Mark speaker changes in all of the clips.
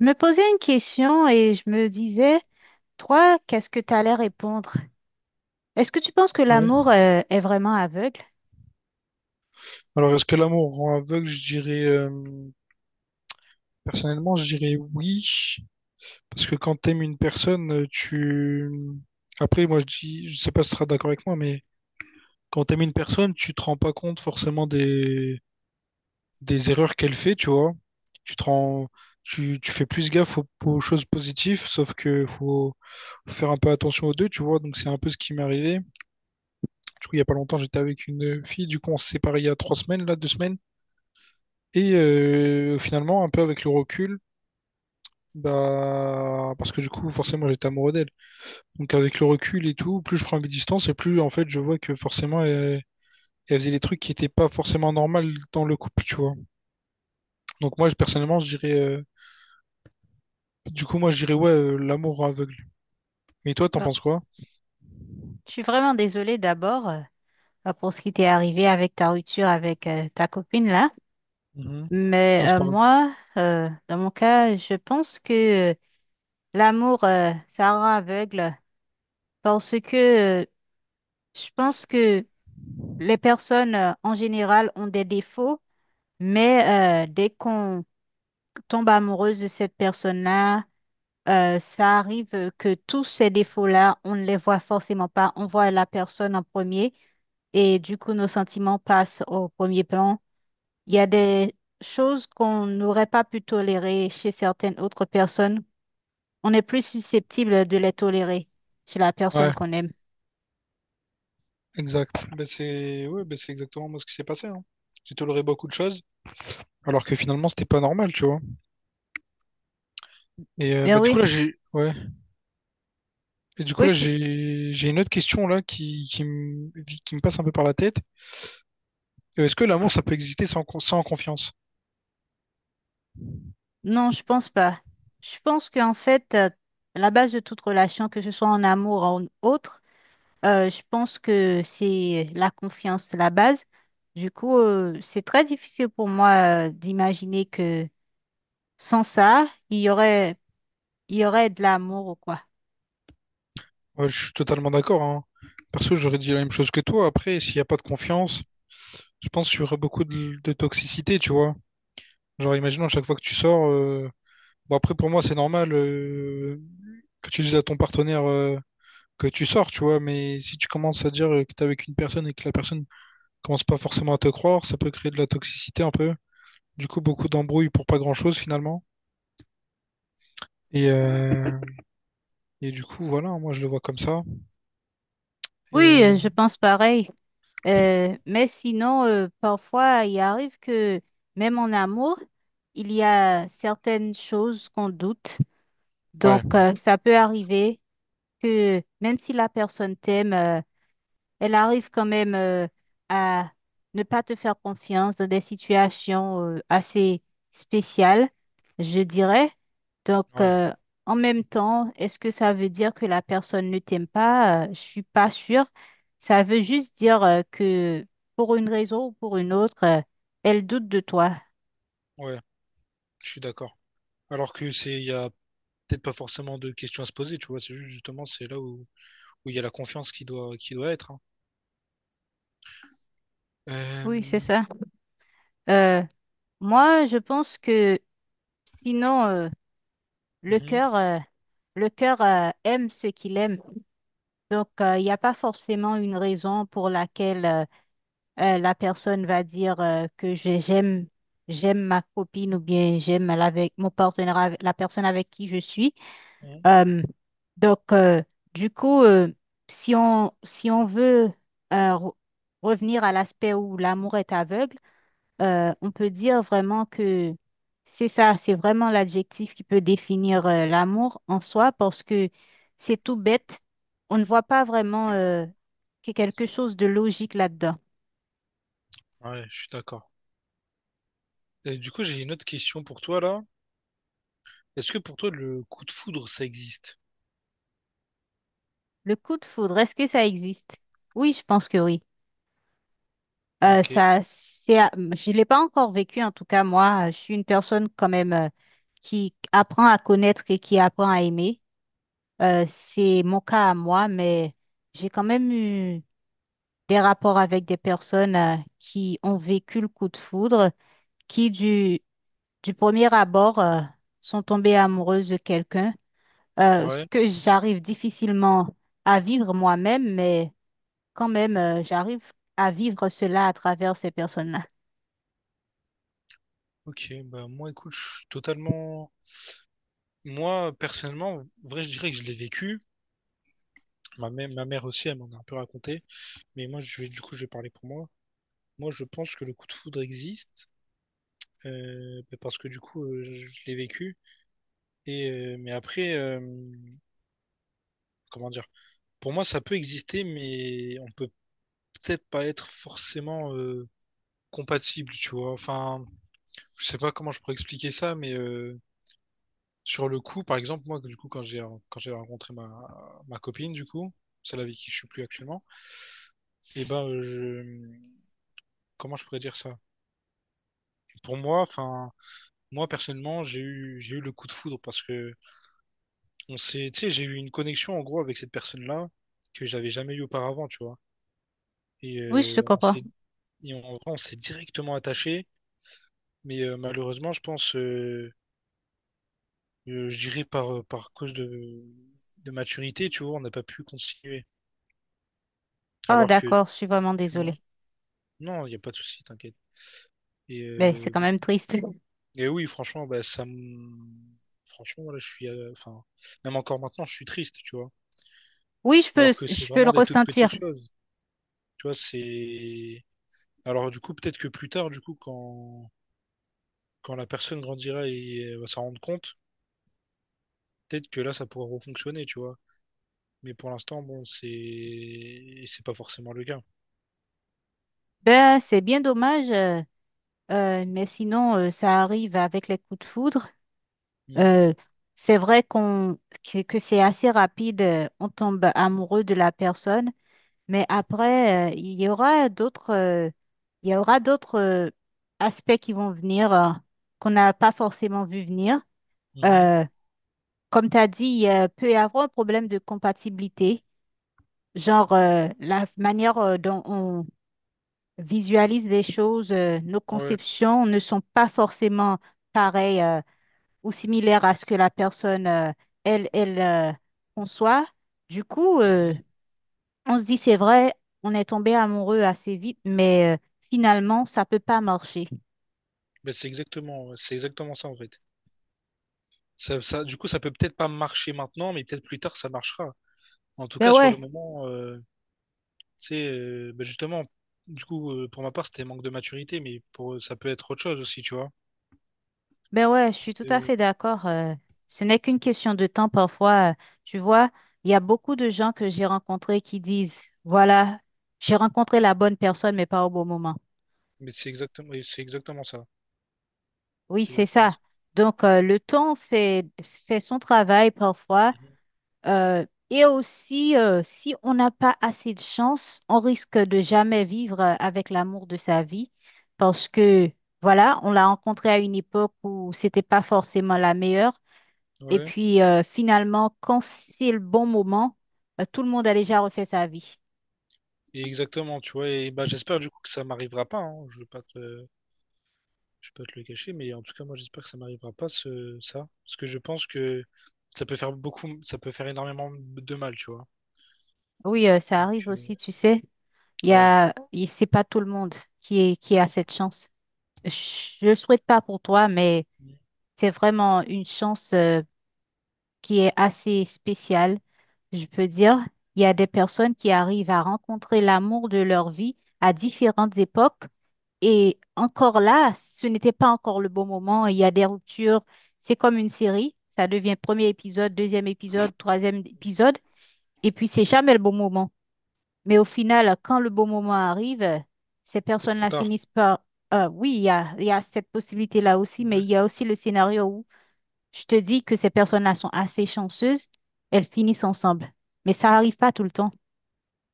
Speaker 1: Je me posais une question et je me disais, toi, qu'est-ce que tu allais répondre? Est-ce que tu penses que
Speaker 2: Ouais.
Speaker 1: l'amour, est vraiment aveugle?
Speaker 2: Alors, est-ce que l'amour rend aveugle? Je dirais, personnellement, je dirais oui. Parce que quand t'aimes une personne, tu... Après, moi, je dis, je sais pas si tu seras d'accord avec moi, mais quand t'aimes une personne, tu te rends pas compte forcément des erreurs qu'elle fait, tu vois. Tu te rends, tu fais plus gaffe aux choses positives, sauf que faut faire un peu attention aux deux, tu vois. Donc, c'est un peu ce qui m'est arrivé. Du coup, il y a pas longtemps, j'étais avec une fille. Du coup, on s'est séparés il y a 3 semaines, là, 2 semaines. Et finalement, un peu avec le recul, bah, parce que du coup, forcément, j'étais amoureux d'elle. Donc, avec le recul et tout, plus je prends mes distances et plus, en fait, je vois que forcément, elle, elle faisait des trucs qui n'étaient pas forcément normaux dans le couple, tu vois. Donc, moi, personnellement, je dirais, du coup, moi, je dirais, ouais, l'amour aveugle. Mais toi, t'en
Speaker 1: Oh,
Speaker 2: penses quoi?
Speaker 1: je suis vraiment désolée d'abord, ah, pour ce qui t'est arrivé avec ta rupture avec, ta copine là.
Speaker 2: Mhm.
Speaker 1: Mais
Speaker 2: Non, c'est pareil.
Speaker 1: moi, dans mon cas, je pense que l'amour, ça rend aveugle parce que je pense que les personnes, en général, ont des défauts, mais dès qu'on tombe amoureuse de cette personne-là, ça arrive que tous ces défauts-là, on ne les voit forcément pas. On voit la personne en premier et du coup, nos sentiments passent au premier plan. Il y a des choses qu'on n'aurait pas pu tolérer chez certaines autres personnes. On est plus susceptible de les tolérer chez la personne
Speaker 2: Ouais,
Speaker 1: qu'on aime.
Speaker 2: exact. Bah, c'est, ouais, bah, c'est exactement moi ce qui s'est passé, hein. J'ai toléré beaucoup de choses, alors que finalement, c'était pas normal, tu vois. Et
Speaker 1: Mais
Speaker 2: bah, du coup,
Speaker 1: oui,
Speaker 2: là, j'ai, ouais. Et du coup,
Speaker 1: oui,
Speaker 2: là,
Speaker 1: tu...
Speaker 2: j'ai une autre question là qui me passe un peu par la tête. Est-ce que l'amour, ça peut exister sans, sans confiance?
Speaker 1: Non, je pense pas. Je pense qu'en fait, la base de toute relation, que ce soit en amour ou en autre, je pense que c'est la confiance, la base. Du coup, c'est très difficile pour moi d'imaginer que sans ça, il y aurait, il y aurait de l'amour ou quoi.
Speaker 2: Ouais, je suis totalement d'accord, hein. Perso, j'aurais dit la même chose que toi. Après, s'il n'y a pas de confiance, je pense qu'il y aura beaucoup de toxicité, tu vois. Genre, imaginons à chaque fois que tu sors. Bon, après, pour moi, c'est normal que tu dises à ton partenaire que tu sors, tu vois. Mais si tu commences à dire que t'es avec une personne et que la personne commence pas forcément à te croire, ça peut créer de la toxicité un peu. Du coup, beaucoup d'embrouilles pour pas grand-chose finalement. Et, euh, et du coup, voilà, moi, je le vois comme ça. Et
Speaker 1: Oui, je pense pareil. Mais sinon, parfois, il arrive que même en amour, il y a certaines choses qu'on doute.
Speaker 2: ouais,
Speaker 1: Donc, ça peut arriver que même si la personne t'aime, elle arrive quand même à ne pas te faire confiance dans des situations assez spéciales, je dirais. Donc,
Speaker 2: ouais,
Speaker 1: en même temps, est-ce que ça veut dire que la personne ne t'aime pas? Je suis pas sûre. Ça veut juste dire que pour une raison ou pour une autre, elle doute de toi.
Speaker 2: ouais, je suis d'accord. Alors que c'est, il y a peut-être pas forcément de questions à se poser, tu vois. C'est juste justement, c'est là où où il y a la confiance qui doit être. Hein.
Speaker 1: Oui, c'est
Speaker 2: Euh,
Speaker 1: ça. Euh, moi, je pense que sinon, le
Speaker 2: mhm,
Speaker 1: cœur, le cœur aime ce qu'il aime. Donc, il n'y a pas forcément une raison pour laquelle la personne va dire que j'aime j'aime ma copine ou bien avec mon partenaire, la personne avec qui je suis.
Speaker 2: mhm.
Speaker 1: Euh, donc, euh, du coup, euh, si on, si on veut euh, re- revenir à l'aspect où l'amour est aveugle, on peut dire vraiment que c'est ça, c'est vraiment l'adjectif qui peut définir l'amour en soi parce que c'est tout bête. On ne voit pas vraiment qu'il y a quelque chose de logique là-dedans.
Speaker 2: Ouais, je suis d'accord. Et du coup, j'ai une autre question pour toi là. Est-ce que pour toi le coup de foudre ça existe?
Speaker 1: Le coup de foudre, est-ce que ça existe? Oui, je pense que oui.
Speaker 2: Ok.
Speaker 1: Je l'ai pas encore vécu, en tout cas, moi, je suis une personne quand même qui apprend à connaître et qui apprend à aimer. C'est mon cas à moi, mais j'ai quand même eu des rapports avec des personnes qui ont vécu le coup de foudre, qui du, du premier abord sont tombées amoureuses de quelqu'un, ce
Speaker 2: Ouais.
Speaker 1: que j'arrive difficilement à vivre moi-même, mais quand même, j'arrive à vivre cela à travers ces personnes-là.
Speaker 2: Ok. Bah moi, écoute, je suis totalement. Moi, personnellement, en vrai, je dirais que je l'ai vécu. Ma mère aussi, elle m'en a un peu raconté. Mais moi, je vais, du coup, je vais parler pour moi. Moi, je pense que le coup de foudre existe bah, parce que du coup, je l'ai vécu. Et mais après, comment dire? Pour moi, ça peut exister, mais on peut peut-être pas être forcément compatible, tu vois. Enfin. Je sais pas comment je pourrais expliquer ça, mais sur le coup, par exemple, moi, du coup, quand j'ai rencontré ma copine, du coup, celle avec qui je suis plus actuellement, et ben, je, comment je pourrais dire ça? Pour moi, enfin, moi personnellement, j'ai eu le coup de foudre parce que on s'est, tu sais, j'ai eu une connexion en gros avec cette personne-là que j'avais jamais eu auparavant, tu vois. Et
Speaker 1: Oui, je te
Speaker 2: on
Speaker 1: comprends.
Speaker 2: s'est, et en vrai, on s'est directement attaché, mais malheureusement, je pense, je dirais par cause de maturité, tu vois, on n'a pas pu continuer.
Speaker 1: Oh,
Speaker 2: Alors que,
Speaker 1: d'accord, je suis vraiment
Speaker 2: tu vois,
Speaker 1: désolée.
Speaker 2: non, il n'y a pas de souci, t'inquiète. Et,
Speaker 1: Mais c'est
Speaker 2: euh,
Speaker 1: quand même triste.
Speaker 2: et oui, franchement, bah, ça me... Franchement, voilà, je suis... Enfin, même encore maintenant, je suis triste, tu vois.
Speaker 1: Oui,
Speaker 2: Alors que c'est
Speaker 1: je peux le
Speaker 2: vraiment des toutes
Speaker 1: ressentir.
Speaker 2: petites choses. Tu vois, c'est... Alors du coup, peut-être que plus tard, du coup, quand la personne grandira et va s'en rendre compte, peut-être que là, ça pourra refonctionner, tu vois. Mais pour l'instant, bon, c'est... C'est pas forcément le cas.
Speaker 1: Ben, c'est bien dommage, mais sinon, ça arrive avec les coups de foudre.
Speaker 2: Mhm.
Speaker 1: Euh, c'est vrai que c'est assez rapide, on tombe amoureux de la personne, mais après, il y aura d'autres aspects qui vont venir, qu'on n'a pas forcément vu venir.
Speaker 2: Mhm.
Speaker 1: Euh, comme tu as dit, il peut y avoir un problème de compatibilité, genre la manière dont on visualise les choses, nos
Speaker 2: Ouais.
Speaker 1: conceptions ne sont pas forcément pareilles. Ou similaire à ce que la personne, elle conçoit. Du coup,
Speaker 2: Mhm.
Speaker 1: on se dit, c'est vrai, on est tombé amoureux assez vite, mais finalement, ça peut pas marcher.
Speaker 2: Bah, c'est exactement, ouais, c'est exactement ça, en fait. Du coup, ça peut peut-être pas marcher maintenant, mais peut-être plus tard, ça marchera. En tout
Speaker 1: Ben
Speaker 2: cas, sur le
Speaker 1: ouais,
Speaker 2: moment, tu sais, bah, justement, du coup, pour ma part, c'était manque de maturité, mais pour, ça peut être autre chose aussi, tu vois.
Speaker 1: ben ouais, je suis tout à
Speaker 2: Euh,
Speaker 1: fait d'accord. Ce n'est qu'une question de temps parfois. Tu vois, il y a beaucoup de gens que j'ai rencontrés qui disent, voilà, j'ai rencontré la bonne personne, mais pas au bon moment.
Speaker 2: mais c'est exactement, et c'est exactement ça.
Speaker 1: Oui,
Speaker 2: C'est
Speaker 1: c'est
Speaker 2: exactement
Speaker 1: ça.
Speaker 2: ça.
Speaker 1: Donc, fait son travail parfois.
Speaker 2: Mhm.
Speaker 1: Euh, et aussi, si on n'a pas assez de chance, on risque de jamais vivre avec l'amour de sa vie parce que, voilà, on l'a rencontré à une époque où c'était pas forcément la meilleure. Et
Speaker 2: Ouais,
Speaker 1: puis, finalement, quand c'est le bon moment, tout le monde a déjà refait sa vie.
Speaker 2: et exactement, tu vois. Et bah, j'espère du coup que ça m'arrivera pas. Hein. Je veux pas te, Je peux te le cacher, mais en tout cas, moi, j'espère que ça m'arrivera pas, ce, ça. Parce que je pense que ça peut faire beaucoup, ça peut faire énormément de mal, tu vois.
Speaker 1: Oui, ça
Speaker 2: Donc,
Speaker 1: arrive aussi, tu sais. Il y
Speaker 2: ouais,
Speaker 1: a, il- c'est pas tout le monde qui a cette chance. Je, je le souhaite pas pour toi, mais c'est vraiment une chance, qui est assez spécial, je peux dire. Il y a des personnes qui arrivent à rencontrer l'amour de leur vie à différentes époques. Et encore là, ce n'était pas encore le bon moment. Il y a des ruptures. C'est comme une série. Ça devient premier épisode, deuxième épisode, troisième épisode. Et puis, c'est jamais le bon moment. Mais au final, quand le bon moment arrive, ces
Speaker 2: c'est trop
Speaker 1: personnes-là
Speaker 2: tard.
Speaker 1: finissent par... oui, il y a cette possibilité-là aussi, mais
Speaker 2: Ouais.
Speaker 1: il y a aussi le scénario je te dis que ces personnes-là sont assez chanceuses, elles finissent ensemble. Mais ça arrive pas tout le temps.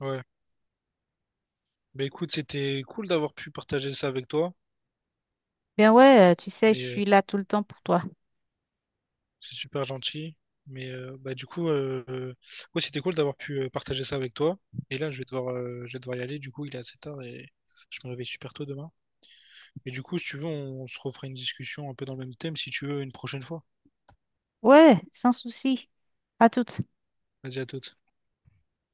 Speaker 2: ouais. Bah, écoute, c'était cool d'avoir pu partager ça avec toi,
Speaker 1: Ben ouais, tu sais, je
Speaker 2: mais
Speaker 1: suis là tout le temps pour toi.
Speaker 2: c'est super gentil. Mais bah, du coup, ouais, c'était cool d'avoir pu partager ça avec toi. Et là, je vais devoir y aller. Du coup, il est assez tard et je me réveille super tôt demain. Et du coup, si tu veux, on, se refera une discussion un peu dans le même thème, si tu veux, une prochaine fois.
Speaker 1: Ouais, sans souci. À toutes.
Speaker 2: Vas-y, à toute.